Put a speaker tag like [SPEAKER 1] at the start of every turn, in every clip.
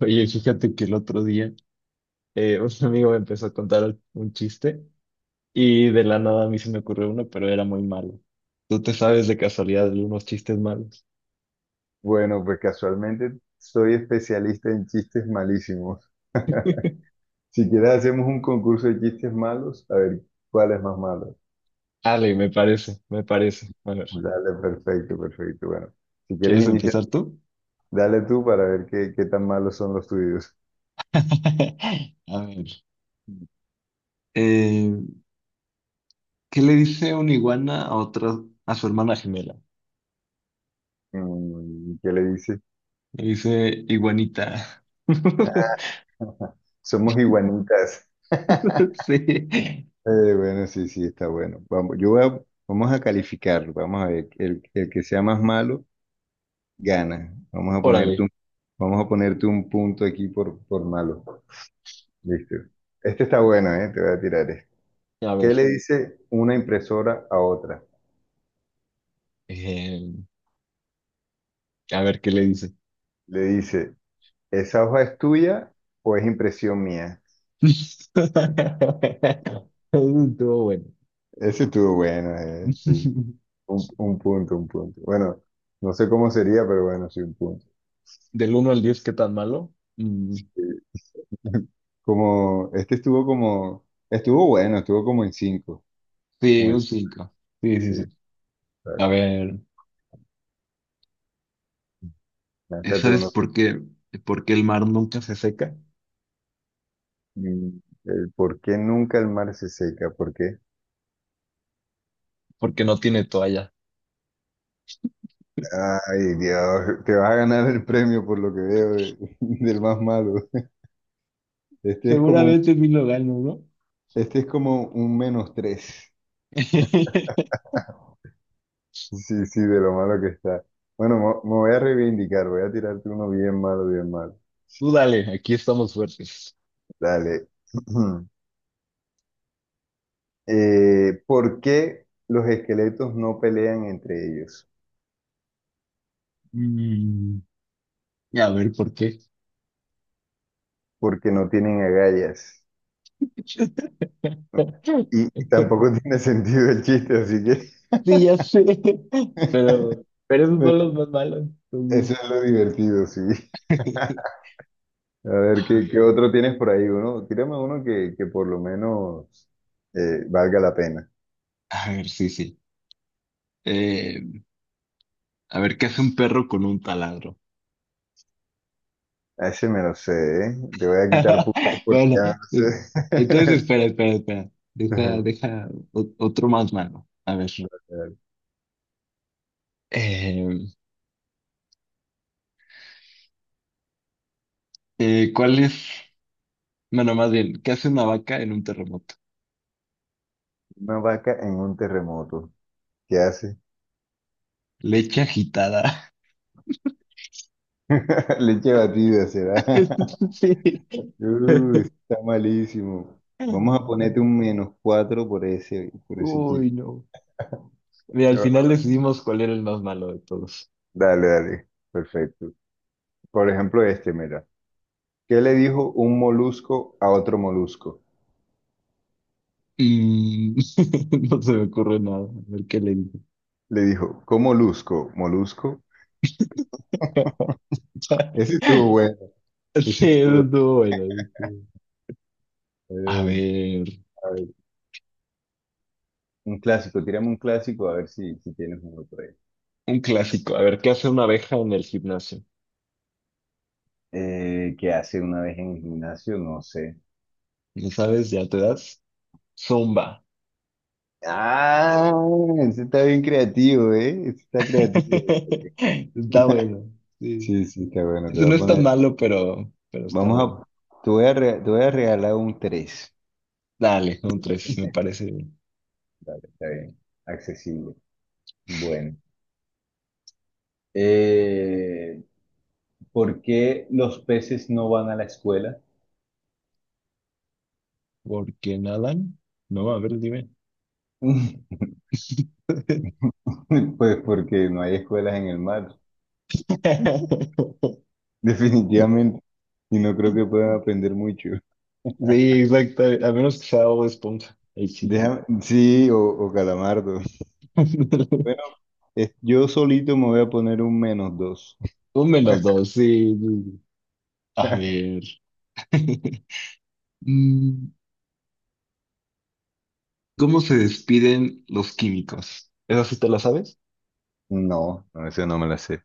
[SPEAKER 1] Oye, fíjate que el otro día un amigo me empezó a contar un chiste y de la nada a mí se me ocurrió uno, pero era muy malo. ¿Tú te sabes de casualidad de unos chistes malos?
[SPEAKER 2] Bueno, pues casualmente soy especialista en chistes malísimos. Si quieres hacemos un concurso de chistes malos, a ver cuál es más malo.
[SPEAKER 1] Ale, me parece. A ver,
[SPEAKER 2] Dale, perfecto, perfecto. Bueno, si quieres
[SPEAKER 1] ¿quieres
[SPEAKER 2] iniciar,
[SPEAKER 1] empezar tú?
[SPEAKER 2] dale tú para ver qué tan malos son los tuyos.
[SPEAKER 1] A ver. eh, ¿Qué le dice una iguana a otra, a su hermana gemela?
[SPEAKER 2] Mm, ¿qué le dices?
[SPEAKER 1] Le dice iguanita.
[SPEAKER 2] Somos iguanitas.
[SPEAKER 1] Sí.
[SPEAKER 2] Bueno, sí, sí, está bueno. Vamos, vamos a calificarlo. Vamos a ver, el que sea más malo, gana.
[SPEAKER 1] Órale,
[SPEAKER 2] Vamos a ponerte un punto aquí por malo. Listo. Este está bueno, ¿eh? Te voy a tirar este.
[SPEAKER 1] a
[SPEAKER 2] ¿Qué
[SPEAKER 1] ver.
[SPEAKER 2] le dice una impresora a otra?
[SPEAKER 1] eh, a ver qué le dice.
[SPEAKER 2] Le dice, ¿esa hoja es tuya o es impresión mía?
[SPEAKER 1] Eso estuvo bueno.
[SPEAKER 2] Ese estuvo bueno, ¿eh? Sí. Un punto, un punto. Bueno, no sé cómo sería, pero bueno, sí, un punto.
[SPEAKER 1] Del uno al 10, ¿qué tan malo? Mm,
[SPEAKER 2] Sí. Como, este estuvo como, estuvo bueno, estuvo como en cinco.
[SPEAKER 1] sí,
[SPEAKER 2] Como en,
[SPEAKER 1] un cinco. Sí, sí,
[SPEAKER 2] sí,
[SPEAKER 1] sí. A
[SPEAKER 2] claro.
[SPEAKER 1] ver,
[SPEAKER 2] Lánzate
[SPEAKER 1] ¿sabes
[SPEAKER 2] uno.
[SPEAKER 1] por qué? ¿Por qué el mar nunca se seca?
[SPEAKER 2] Mm, el por qué nunca el mar se seca, ¿por qué?
[SPEAKER 1] Porque no tiene toalla.
[SPEAKER 2] Ay, Dios, te vas a ganar el premio por lo que veo del más malo. Este es como un,
[SPEAKER 1] Seguramente mi lo gano, ¿no?
[SPEAKER 2] este es como un menos tres. Sí, sí, de lo malo que está. Bueno, me voy a reivindicar, voy a tirarte uno bien malo, bien malo.
[SPEAKER 1] Tú dale, aquí estamos fuertes.
[SPEAKER 2] Dale. ¿Por qué los esqueletos no pelean entre ellos?
[SPEAKER 1] Mm, a ver, ¿por qué?
[SPEAKER 2] Porque no tienen agallas. Y tampoco tiene sentido el chiste, así que...
[SPEAKER 1] Sí, ya sé. Pero esos son
[SPEAKER 2] Pero
[SPEAKER 1] los más malos, entonces.
[SPEAKER 2] Eso es lo divertido, sí. A ver,
[SPEAKER 1] A
[SPEAKER 2] ¿qué
[SPEAKER 1] ver.
[SPEAKER 2] otro tienes por ahí? Uno, tírame uno que por lo menos valga la pena.
[SPEAKER 1] A ver, sí, sí. Eh, a ver, ¿qué hace un perro con un taladro?
[SPEAKER 2] A ese me lo sé, ¿eh? Te voy a quitar puntos porque
[SPEAKER 1] Bueno,
[SPEAKER 2] ya no
[SPEAKER 1] eh, entonces
[SPEAKER 2] sé.
[SPEAKER 1] espera.
[SPEAKER 2] Ajá.
[SPEAKER 1] Otro más malo. A ver. Eh, ¿Cuál es? Bueno, más bien, ¿qué hace una vaca en un terremoto?
[SPEAKER 2] Una vaca en un terremoto. ¿Qué hace?
[SPEAKER 1] Leche agitada.
[SPEAKER 2] Leche batida será.
[SPEAKER 1] Sí.
[SPEAKER 2] Uy, está malísimo. Vamos a ponerte un menos cuatro por ese chiste.
[SPEAKER 1] Uy, no. Mira, al
[SPEAKER 2] No.
[SPEAKER 1] final decidimos cuál era el más malo de todos.
[SPEAKER 2] Dale, dale. Perfecto. Por ejemplo, este, mira. ¿Qué le dijo un molusco a otro molusco?
[SPEAKER 1] Mm, no se me ocurre nada. A ver qué le digo.
[SPEAKER 2] Le dijo, ¿cómo molusco? ¿Molusco? Ese estuvo bueno, ese
[SPEAKER 1] Sí, eso
[SPEAKER 2] estuvo
[SPEAKER 1] estuvo bueno. Eso bueno. A
[SPEAKER 2] bueno.
[SPEAKER 1] ver,
[SPEAKER 2] A ver, un clásico, tirame un clásico a ver si tienes uno por ahí.
[SPEAKER 1] un clásico. A ver, ¿qué hace una abeja en el gimnasio?
[SPEAKER 2] ¿Qué hace una vez en el gimnasio? No sé.
[SPEAKER 1] ¿No sabes? ¿Ya te das? Zumba.
[SPEAKER 2] Ah, ese está bien creativo, ¿eh? Ese está creativo.
[SPEAKER 1] Está bueno. Sí.
[SPEAKER 2] Sí, sí, está bueno, te
[SPEAKER 1] Eso
[SPEAKER 2] voy
[SPEAKER 1] no
[SPEAKER 2] a
[SPEAKER 1] es tan
[SPEAKER 2] poner.
[SPEAKER 1] malo, pero está bueno.
[SPEAKER 2] Vamos a, te voy a, re- Te voy a regalar un tres.
[SPEAKER 1] Dale, un tres, me parece. Bien.
[SPEAKER 2] Dale, está bien, accesible. Bueno. Eh, ¿Por qué los peces no van a la escuela?
[SPEAKER 1] ¿Por qué nadan? No, a ver, dime.
[SPEAKER 2] Pues porque no hay escuelas en el mar, definitivamente. Y no creo que puedan aprender mucho.
[SPEAKER 1] Sí, exacto. A menos que sea Bob Esponja. Ahí sí.
[SPEAKER 2] Déjame, sí, o calamardo. Bueno, yo solito me voy a poner un menos dos.
[SPEAKER 1] Un menos dos, sí. Sí, sí. A ver. Mm, ¿cómo se despiden los químicos? ¿Eso sí te lo sabes?
[SPEAKER 2] No, no, ese no me la sé.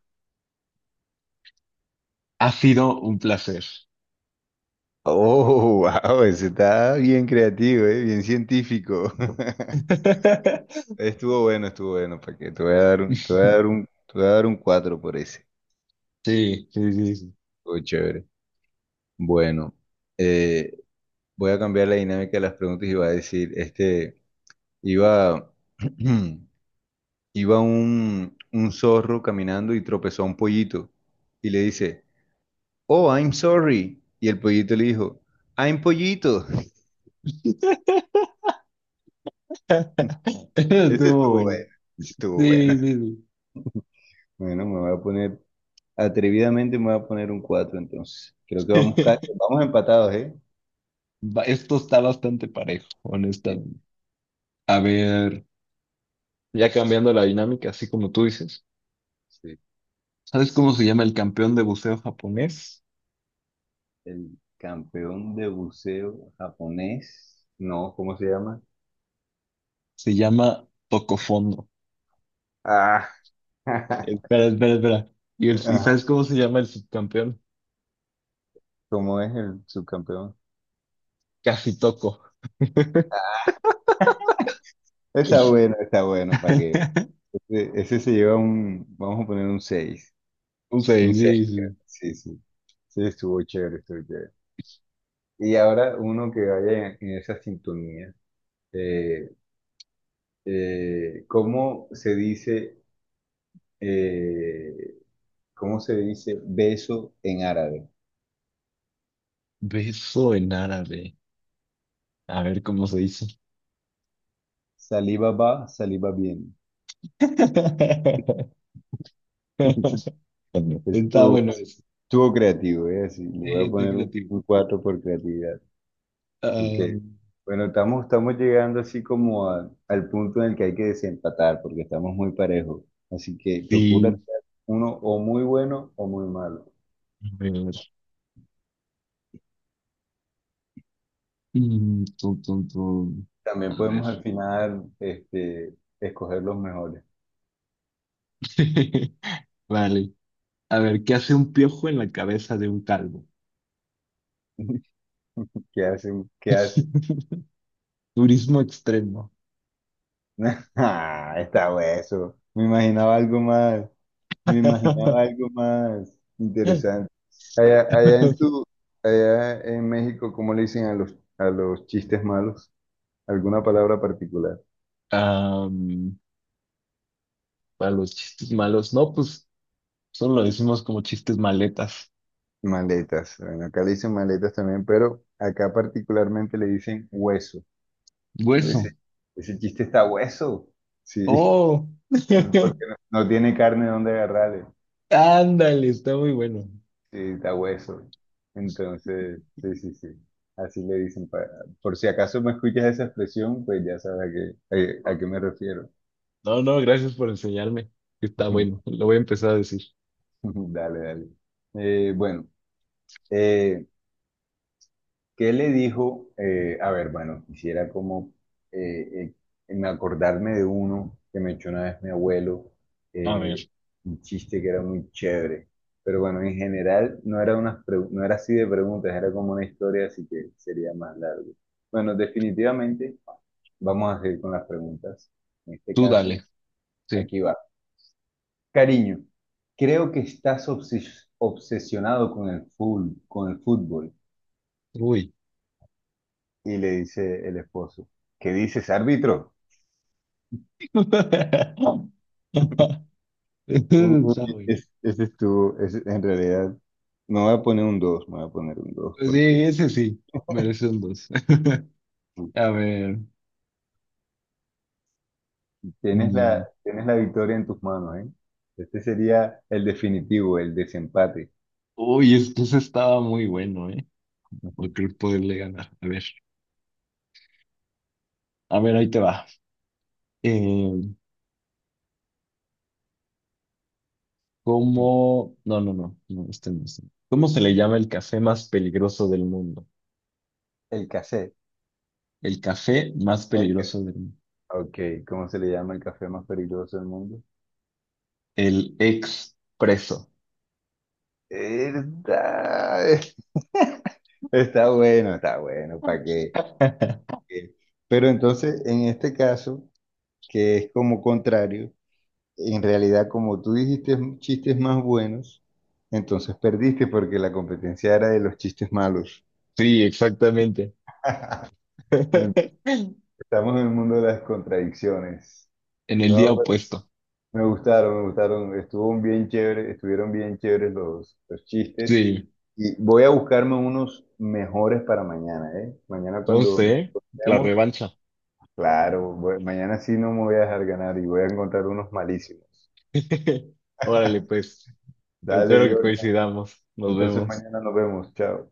[SPEAKER 1] Ha sido un placer.
[SPEAKER 2] Oh, wow, ese está bien creativo, bien científico. Estuvo bueno, ¿para que? Te voy a dar un cuatro por ese.
[SPEAKER 1] Sí, sí, sí, sí.
[SPEAKER 2] Estuvo chévere. Bueno, eh, voy a cambiar la dinámica de las preguntas y va a decir, iba, iba un, zorro caminando y tropezó a un pollito y le dice, oh, I'm sorry. Y el pollito le dijo, I'm pollito. Ese
[SPEAKER 1] Estuvo
[SPEAKER 2] estuvo
[SPEAKER 1] bueno.
[SPEAKER 2] bueno, ese estuvo bueno.
[SPEAKER 1] Sí, sí,
[SPEAKER 2] Bueno, me voy a poner, atrevidamente me voy a poner un 4 entonces. Creo que
[SPEAKER 1] sí.
[SPEAKER 2] vamos empatados, ¿eh?
[SPEAKER 1] Esto está bastante parejo,
[SPEAKER 2] Sí,
[SPEAKER 1] honestamente. A ver, ya cambiando la dinámica, así como tú dices.
[SPEAKER 2] sí.
[SPEAKER 1] ¿Sabes cómo se llama el campeón de buceo japonés?
[SPEAKER 2] El campeón de buceo japonés, no, ¿cómo se llama?
[SPEAKER 1] Se llama Toco Fondo.
[SPEAKER 2] Ah,
[SPEAKER 1] Espera. ¿Y, y
[SPEAKER 2] ajá.
[SPEAKER 1] sabes cómo se llama el subcampeón?
[SPEAKER 2] ¿Cómo es el subcampeón?
[SPEAKER 1] Casi Toco.
[SPEAKER 2] Está bueno, ¿para qué? Ese vamos a poner un 6,
[SPEAKER 1] O sea,
[SPEAKER 2] un 6. Creo.
[SPEAKER 1] dice
[SPEAKER 2] Sí, sí. Sí, estuvo chévere, estuvo chévere. Y ahora uno que vaya en esa sintonía, eh, eh, ¿cómo se dice, eh, ¿cómo se dice beso en árabe?
[SPEAKER 1] beso en árabe. A ver cómo se dice.
[SPEAKER 2] Saliva va, saliva bien.
[SPEAKER 1] Está
[SPEAKER 2] Estuvo,
[SPEAKER 1] bueno eso.
[SPEAKER 2] estuvo creativo, ¿eh? Así, le voy
[SPEAKER 1] Sí,
[SPEAKER 2] a
[SPEAKER 1] está
[SPEAKER 2] poner un,
[SPEAKER 1] creativo.
[SPEAKER 2] un 4 por creatividad. Ok.
[SPEAKER 1] Ah,
[SPEAKER 2] Bueno, estamos llegando así como al punto en el que hay que desempatar, porque estamos muy parejos. Así que procura
[SPEAKER 1] sí,
[SPEAKER 2] tirar uno o muy bueno o muy malo.
[SPEAKER 1] a ver. Mm, tum, tum, tum. A
[SPEAKER 2] También
[SPEAKER 1] ver.
[SPEAKER 2] podemos al final escoger los mejores.
[SPEAKER 1] Vale. A ver, ¿qué hace un piojo en la cabeza de un calvo?
[SPEAKER 2] ¿Qué hacen? ¿Qué hacen?
[SPEAKER 1] Turismo extremo.
[SPEAKER 2] Ah, está hueso. Me imaginaba algo más. Me imaginaba algo más interesante. Allá, allá en tu, allá en México, ¿cómo le dicen a los chistes malos? ¿Alguna palabra particular?
[SPEAKER 1] Am, para los chistes malos, no, pues solo lo decimos como chistes maletas.
[SPEAKER 2] Maletas. Bueno, acá le dicen maletas también, pero acá particularmente le dicen hueso. Uno dice,
[SPEAKER 1] Hueso.
[SPEAKER 2] ese chiste está hueso. Sí,
[SPEAKER 1] Oh,
[SPEAKER 2] porque no tiene carne donde agarrarle.
[SPEAKER 1] ándale, está muy bueno.
[SPEAKER 2] Sí, está hueso. Entonces, sí, sí, sí. Así le dicen. Por si acaso me escuchas esa expresión, pues ya sabes a qué me refiero.
[SPEAKER 1] No, no, gracias por enseñarme. Está bueno, lo voy a empezar a decir.
[SPEAKER 2] Dale, dale. Bueno, eh, ¿Qué le dijo? A ver, bueno, quisiera como eh, me acordarme de uno que me echó una vez mi abuelo,
[SPEAKER 1] A
[SPEAKER 2] eh,
[SPEAKER 1] ver,
[SPEAKER 2] un chiste que era muy chévere. Pero bueno, en general no era así de preguntas, era como una historia, así que sería más largo. Bueno, definitivamente vamos a seguir con las preguntas. En este
[SPEAKER 1] tú
[SPEAKER 2] caso,
[SPEAKER 1] dale. Sí.
[SPEAKER 2] aquí va. Cariño, creo que estás obsesionado con el fútbol, con el fútbol.
[SPEAKER 1] Uy.
[SPEAKER 2] Y le dice el esposo, ¿qué dices, árbitro?
[SPEAKER 1] Está
[SPEAKER 2] Uy,
[SPEAKER 1] bueno.
[SPEAKER 2] en realidad, no voy a poner un dos. Me voy a poner un 2
[SPEAKER 1] Sí,
[SPEAKER 2] porque
[SPEAKER 1] ese sí, merece un dos. A ver.
[SPEAKER 2] tienes la,
[SPEAKER 1] Mm,
[SPEAKER 2] tienes la victoria en tus manos, ¿eh? Este sería el definitivo, el desempate.
[SPEAKER 1] uy, es que ese estaba muy bueno, ¿eh? Por
[SPEAKER 2] Ujú.
[SPEAKER 1] poderle ganar. A ver, ahí te va. Eh, ¿Cómo? Este no. ¿Cómo se le llama el café más peligroso del mundo?
[SPEAKER 2] El café.
[SPEAKER 1] El café más
[SPEAKER 2] El
[SPEAKER 1] peligroso
[SPEAKER 2] ca-
[SPEAKER 1] del mundo.
[SPEAKER 2] Ok, ¿cómo se le llama el café más peligroso del mundo?
[SPEAKER 1] El expreso.
[SPEAKER 2] Está está bueno, ¿para qué? Eh, Pero entonces, en este caso, que es como contrario, en realidad, como tú dijiste chistes más buenos, entonces perdiste porque la competencia era de los chistes malos.
[SPEAKER 1] Sí, exactamente.
[SPEAKER 2] Estamos en el mundo de las contradicciones.
[SPEAKER 1] En el día
[SPEAKER 2] No, pues,
[SPEAKER 1] opuesto.
[SPEAKER 2] me gustaron, me gustaron. Estuvo bien chévere, estuvieron bien chéveres los chistes.
[SPEAKER 1] Sí.
[SPEAKER 2] Y voy a buscarme unos mejores para mañana, ¿eh? Mañana cuando nos
[SPEAKER 1] Entonces, ¿eh? La
[SPEAKER 2] veamos,
[SPEAKER 1] revancha.
[SPEAKER 2] claro, mañana sí no me voy a dejar ganar y voy a encontrar unos malísimos.
[SPEAKER 1] Órale, pues. Espero
[SPEAKER 2] Dale,
[SPEAKER 1] que
[SPEAKER 2] Jordan.
[SPEAKER 1] coincidamos. Nos
[SPEAKER 2] Entonces
[SPEAKER 1] vemos.
[SPEAKER 2] mañana nos vemos. Chao.